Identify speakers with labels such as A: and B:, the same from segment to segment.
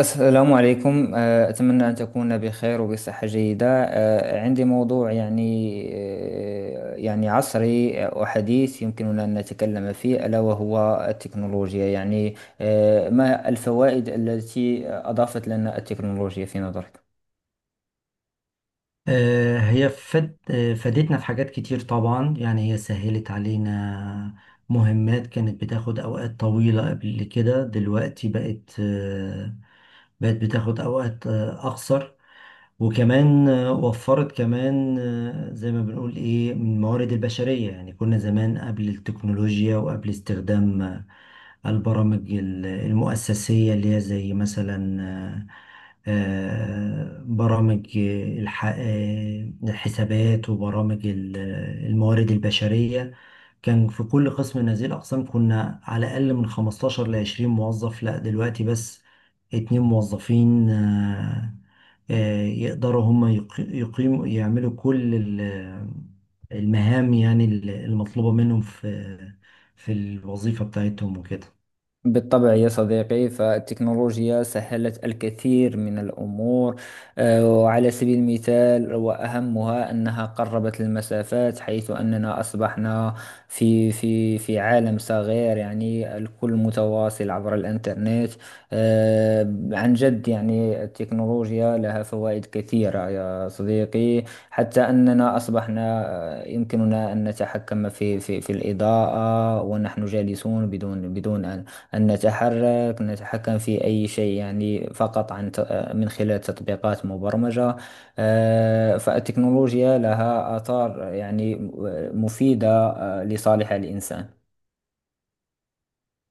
A: السلام عليكم. أتمنى أن تكون بخير وبصحة جيدة. عندي موضوع يعني عصري وحديث يمكننا أن نتكلم فيه، ألا وهو التكنولوجيا. ما الفوائد التي أضافت لنا التكنولوجيا في نظرك؟
B: هي فد... آه، فادتنا في حاجات كتير طبعا، يعني هي سهلت علينا مهمات كانت بتاخد أوقات طويلة قبل كده. دلوقتي بقت بتاخد أوقات أقصر. وكمان وفرت كمان، زي ما بنقول ايه، من الموارد البشرية. يعني كنا زمان قبل التكنولوجيا وقبل استخدام البرامج المؤسسية، اللي هي زي مثلا برامج الحسابات، وبرامج الموارد البشرية، كان في كل قسم من هذه الأقسام كنا على الأقل من 15 ل 20 موظف. لا دلوقتي بس اتنين موظفين يقدروا هم يقيموا يعملوا كل المهام، يعني المطلوبة منهم في في الوظيفة بتاعتهم وكده.
A: بالطبع يا صديقي، فالتكنولوجيا سهلت الكثير من الأمور. وعلى سبيل المثال وأهمها أنها قربت المسافات، حيث أننا أصبحنا في عالم صغير، يعني الكل متواصل عبر الإنترنت. عن جد، يعني التكنولوجيا لها فوائد كثيرة يا صديقي، حتى أننا أصبحنا يمكننا أن نتحكم في الإضاءة ونحن جالسون بدون أن نتحرك، نتحكم في أي شيء، يعني فقط عن ت- آه، من خلال تطبيقات مبرمجة. فالتكنولوجيا لها آثار، يعني مفيدة لصالح الإنسان.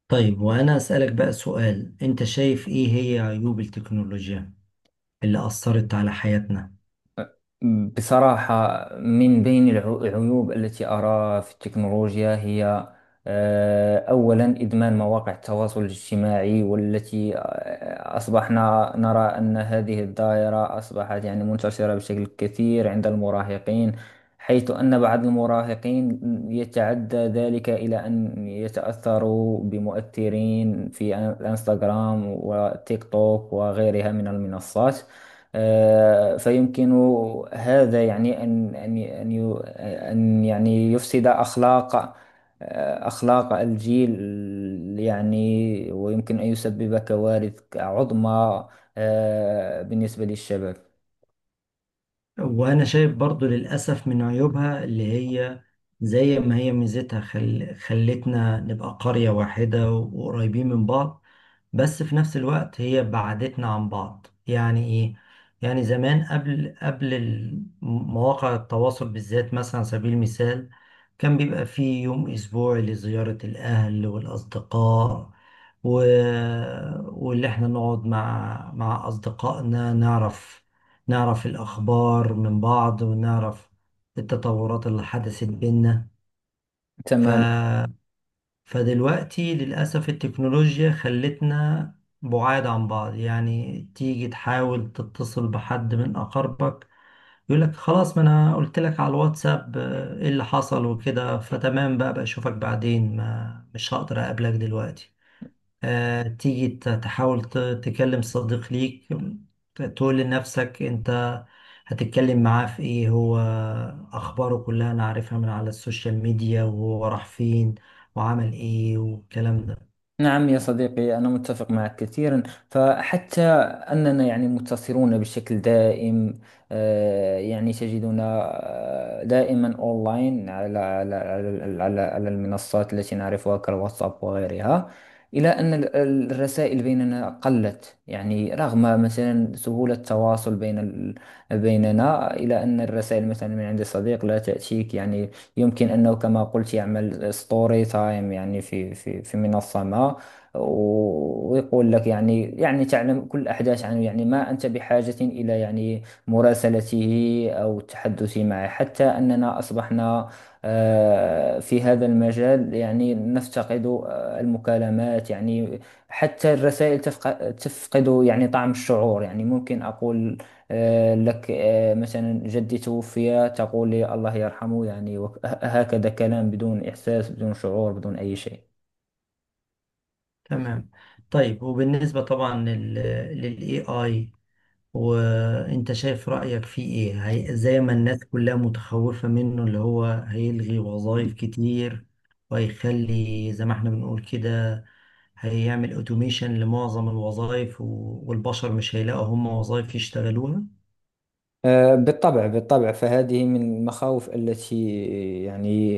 B: طيب وأنا أسألك بقى سؤال، أنت شايف إيه هي عيوب التكنولوجيا اللي أثرت على حياتنا؟
A: بصراحة، من بين العيوب التي أراها في التكنولوجيا هي أولا إدمان مواقع التواصل الاجتماعي، والتي أصبحنا نرى أن هذه الدائرة أصبحت يعني منتشرة بشكل كثير عند المراهقين، حيث أن بعض المراهقين يتعدى ذلك إلى أن يتأثروا بمؤثرين في الانستغرام والتيك توك وغيرها من المنصات. فيمكن هذا يعني أن يعني يفسد أخلاق، أخلاق الجيل يعني، ويمكن أن يسبب كوارث عظمى بالنسبة للشباب.
B: وانا شايف برضو للاسف من عيوبها، اللي هي زي ما هي ميزتها، خلتنا نبقى قرية واحدة وقريبين من بعض، بس في نفس الوقت هي بعدتنا عن بعض. يعني ايه؟ يعني زمان قبل مواقع التواصل بالذات، مثلا على سبيل المثال كان بيبقى فيه يوم أسبوعي لزيارة الأهل والأصدقاء و... واللي احنا نقعد مع أصدقائنا، نعرف الأخبار من بعض، ونعرف التطورات اللي حدثت بينا. ف
A: تمام.
B: فدلوقتي للأسف التكنولوجيا خلتنا بعاد عن بعض. يعني تيجي تحاول تتصل بحد من أقاربك يقولك خلاص، ما أنا قلت لك على الواتساب إيه اللي حصل وكده، فتمام بقى، أشوفك بعدين، ما مش هقدر أقابلك دلوقتي. تيجي تحاول تكلم صديق ليك، تقول لنفسك انت هتتكلم معاه في ايه، هو اخباره كلها انا عارفها من على السوشيال ميديا، وهو راح فين وعمل ايه والكلام ده.
A: نعم يا صديقي، أنا متفق معك كثيرا، فحتى أننا يعني متصلون بشكل دائم. يعني تجدنا دائما أونلاين على المنصات التي نعرفها كالواتساب وغيرها، إلى أن الرسائل بيننا قلت، يعني رغم مثلا سهولة التواصل بين بيننا، إلى أن الرسائل مثلا من عند صديق لا تأتيك. يعني يمكن أنه كما قلت يعمل ستوري تايم، يعني في منصة ما، ويقول لك، يعني تعلم كل الأحداث عنه، يعني ما أنت بحاجة إلى يعني مراسلته أو التحدث معه، حتى أننا أصبحنا في هذا المجال يعني نفتقد المكالمات، يعني حتى الرسائل تفقد يعني طعم الشعور. يعني ممكن أقول لك مثلا: جدي توفي، تقول لي الله يرحمه، يعني هكذا، كلام بدون إحساس، بدون شعور، بدون أي شيء.
B: تمام. طيب وبالنسبة طبعا لل للاي اي، وانت شايف رأيك فيه ايه؟ هي زي ما الناس كلها متخوفة منه، اللي هو هيلغي وظائف كتير، وهيخلي زي ما احنا بنقول كده، هيعمل اوتوميشن لمعظم الوظائف، والبشر مش هيلاقوا هم وظائف يشتغلوها.
A: بالطبع بالطبع، فهذه من المخاوف التي يعني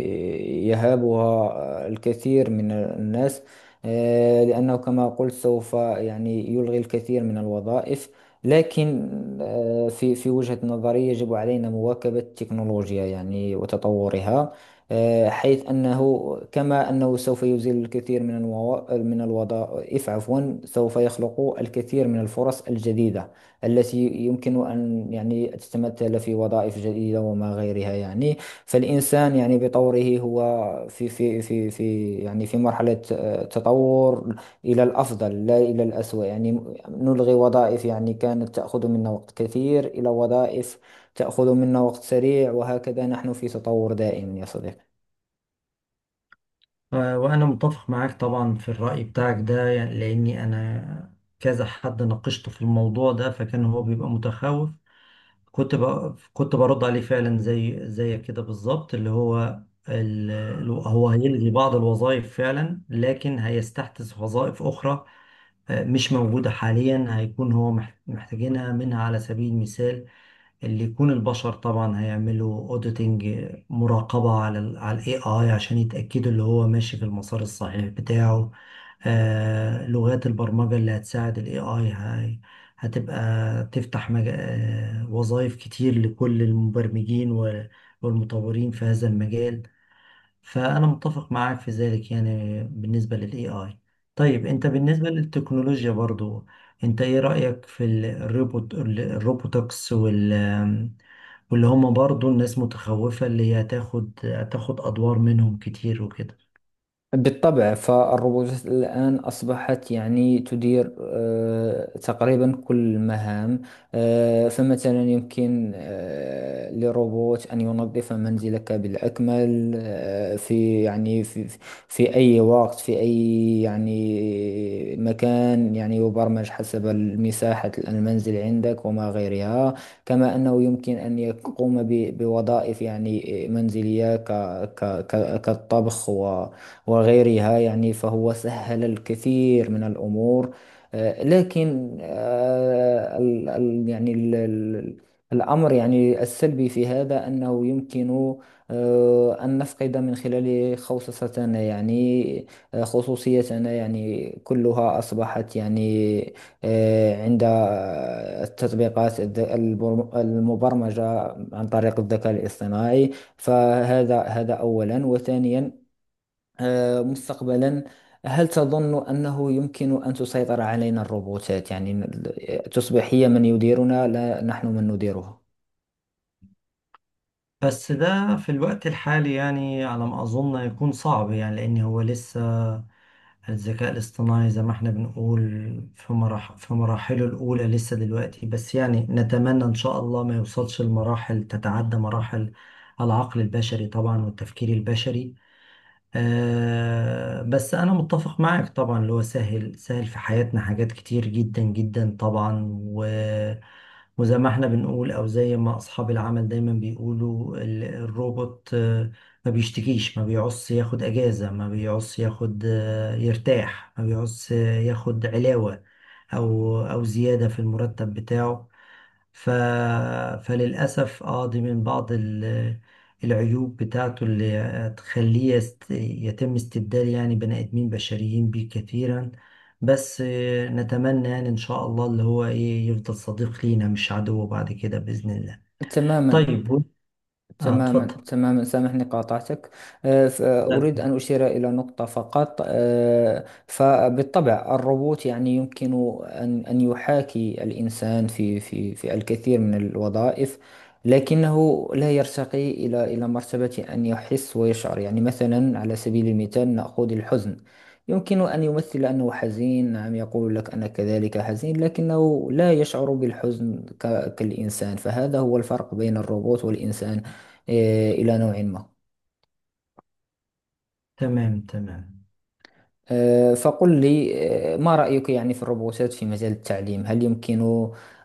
A: يهابها الكثير من الناس. لأنه كما قلت سوف يعني يلغي الكثير من الوظائف، لكن في وجهة نظري يجب علينا مواكبة التكنولوجيا يعني وتطورها. حيث أنه كما أنه سوف يزيل الكثير من من الوظائف، عفوا، سوف يخلق الكثير من الفرص الجديدة التي يمكن أن يعني تتمثل في وظائف جديدة وما غيرها يعني. فالإنسان يعني بطوره هو في يعني في مرحلة تطور، إلى الأفضل لا إلى الأسوأ. يعني نلغي وظائف يعني كانت تأخذ منا وقت كثير إلى وظائف تأخذ منا وقت سريع، وهكذا نحن في تطور دائم يا صديقي.
B: وانا متفق معاك طبعا في الرأي بتاعك ده، يعني لاني انا كذا حد ناقشته في الموضوع ده فكان هو بيبقى متخوف. كنت برد عليه فعلا زي كده بالظبط، اللي هو هو هيلغي بعض الوظائف فعلا، لكن هيستحدث وظائف أخرى مش موجودة حاليا، هيكون هو محتاجينها منها. على سبيل المثال، اللي يكون البشر طبعا هيعملوا اوديتنج، مراقبة على ال على الاي اي، عشان يتأكدوا اللي هو ماشي في المسار الصحيح بتاعه. لغات البرمجة اللي هتساعد ال AI هاي هتبقى تفتح مج... آه، وظائف كتير لكل المبرمجين والمطورين في هذا المجال. فأنا متفق معاك في ذلك، يعني بالنسبة لل AI. طيب أنت بالنسبة للتكنولوجيا برضو، أنت إيه رأيك في الروبوت الروبوتكس وال واللي هم برضو الناس متخوفة، اللي هي هتاخد أدوار منهم كتير وكده؟
A: بالطبع، فالروبوتات الآن أصبحت يعني تدير تقريبا كل المهام. فمثلا يمكن لروبوت أن ينظف منزلك بالأكمل في يعني في أي وقت، في أي يعني مكان، يعني يبرمج حسب مساحة المنزل عندك وما غيرها. كما أنه يمكن أن يقوم بوظائف يعني منزلية كالطبخ وغيرها يعني، فهو سهل الكثير من الأمور. لكن الأمر يعني السلبي في هذا أنه يمكن أن نفقد من خلال خوصصتنا، يعني خصوصيتنا، يعني كلها أصبحت يعني عند التطبيقات المبرمجة عن طريق الذكاء الاصطناعي. فهذا أولا، وثانيا مستقبلا، هل تظن أنه يمكن أن تسيطر علينا الروبوتات؟ يعني تصبح هي من يديرنا لا نحن من نديرها.
B: بس ده في الوقت الحالي يعني على ما أظن يكون صعب، يعني لأن هو لسه الذكاء الاصطناعي، زي ما احنا بنقول، في مراحله الأولى لسه دلوقتي بس. يعني نتمنى إن شاء الله ما يوصلش لمراحل تتعدى مراحل العقل البشري طبعا والتفكير البشري. آه بس أنا متفق معك طبعا، اللي هو سهل في حياتنا حاجات كتير جدا جدا طبعا. وزي ما احنا بنقول، او زي ما اصحاب العمل دايما بيقولوا، الروبوت ما بيشتكيش، ما بيعص ياخد اجازة، ما بيعص ياخد يرتاح، ما بيعص ياخد علاوة او او زيادة في المرتب بتاعه. ف... فللأسف اه دي من بعض العيوب بتاعته، اللي هتخليه يتم استبدال يعني بني آدمين بشريين بيه كثيرا. بس نتمنى يعني إن شاء الله اللي هو إيه يفضل صديق لينا مش عدو بعد كده بإذن الله.
A: تماما،
B: طيب اه اتفضل.
A: تماما، تماما. سامحني، قاطعتك.
B: لا.
A: أريد أن أشير إلى نقطة فقط. فبالطبع الروبوت يعني يمكن أن يحاكي الإنسان في الكثير من الوظائف، لكنه لا يرتقي إلى مرتبة أن يحس ويشعر. يعني مثلا، على سبيل المثال نأخذ الحزن: يمكن أن يمثل أنه حزين، نعم، يقول لك أنا كذلك حزين، لكنه لا يشعر بالحزن كالإنسان. فهذا هو الفرق بين الروبوت والإنسان إلى نوع ما.
B: تمام تمام.
A: فقل لي ما رأيك يعني في الروبوتات في مجال التعليم؟ هل يمكن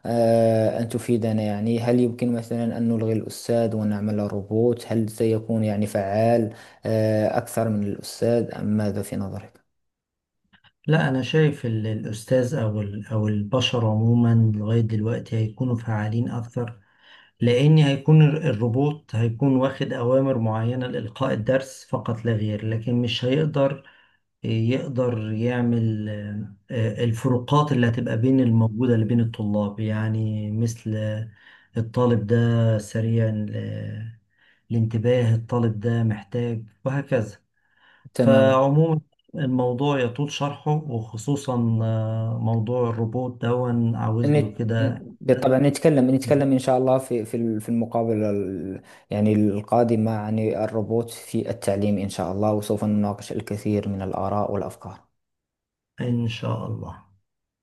A: أن تفيدنا؟ يعني هل يمكن مثلا أن نلغي الأستاذ ونعمل روبوت؟ هل سيكون يعني فعال أكثر من الأستاذ أم ماذا في نظرك؟
B: لا أنا شايف الأستاذ أو أو البشر عموما لغاية دلوقتي هيكونوا فعالين أكثر، لأن هيكون الروبوت هيكون واخد أوامر معينة لإلقاء الدرس فقط لا غير، لكن مش هيقدر يقدر يعمل آه، الفروقات اللي هتبقى بين الموجودة اللي بين الطلاب، يعني مثل الطالب ده سريع الانتباه، الطالب ده محتاج، وهكذا.
A: تماما.
B: فعموما الموضوع يطول شرحه، وخصوصا موضوع الروبوت دون عاوز له
A: نت-
B: كده.
A: بالطبع نتكلم، نتكلم إن شاء الله في المقابلة يعني القادمة عن الروبوت في التعليم إن شاء الله، وسوف نناقش الكثير من الآراء والأفكار.
B: إن شاء الله.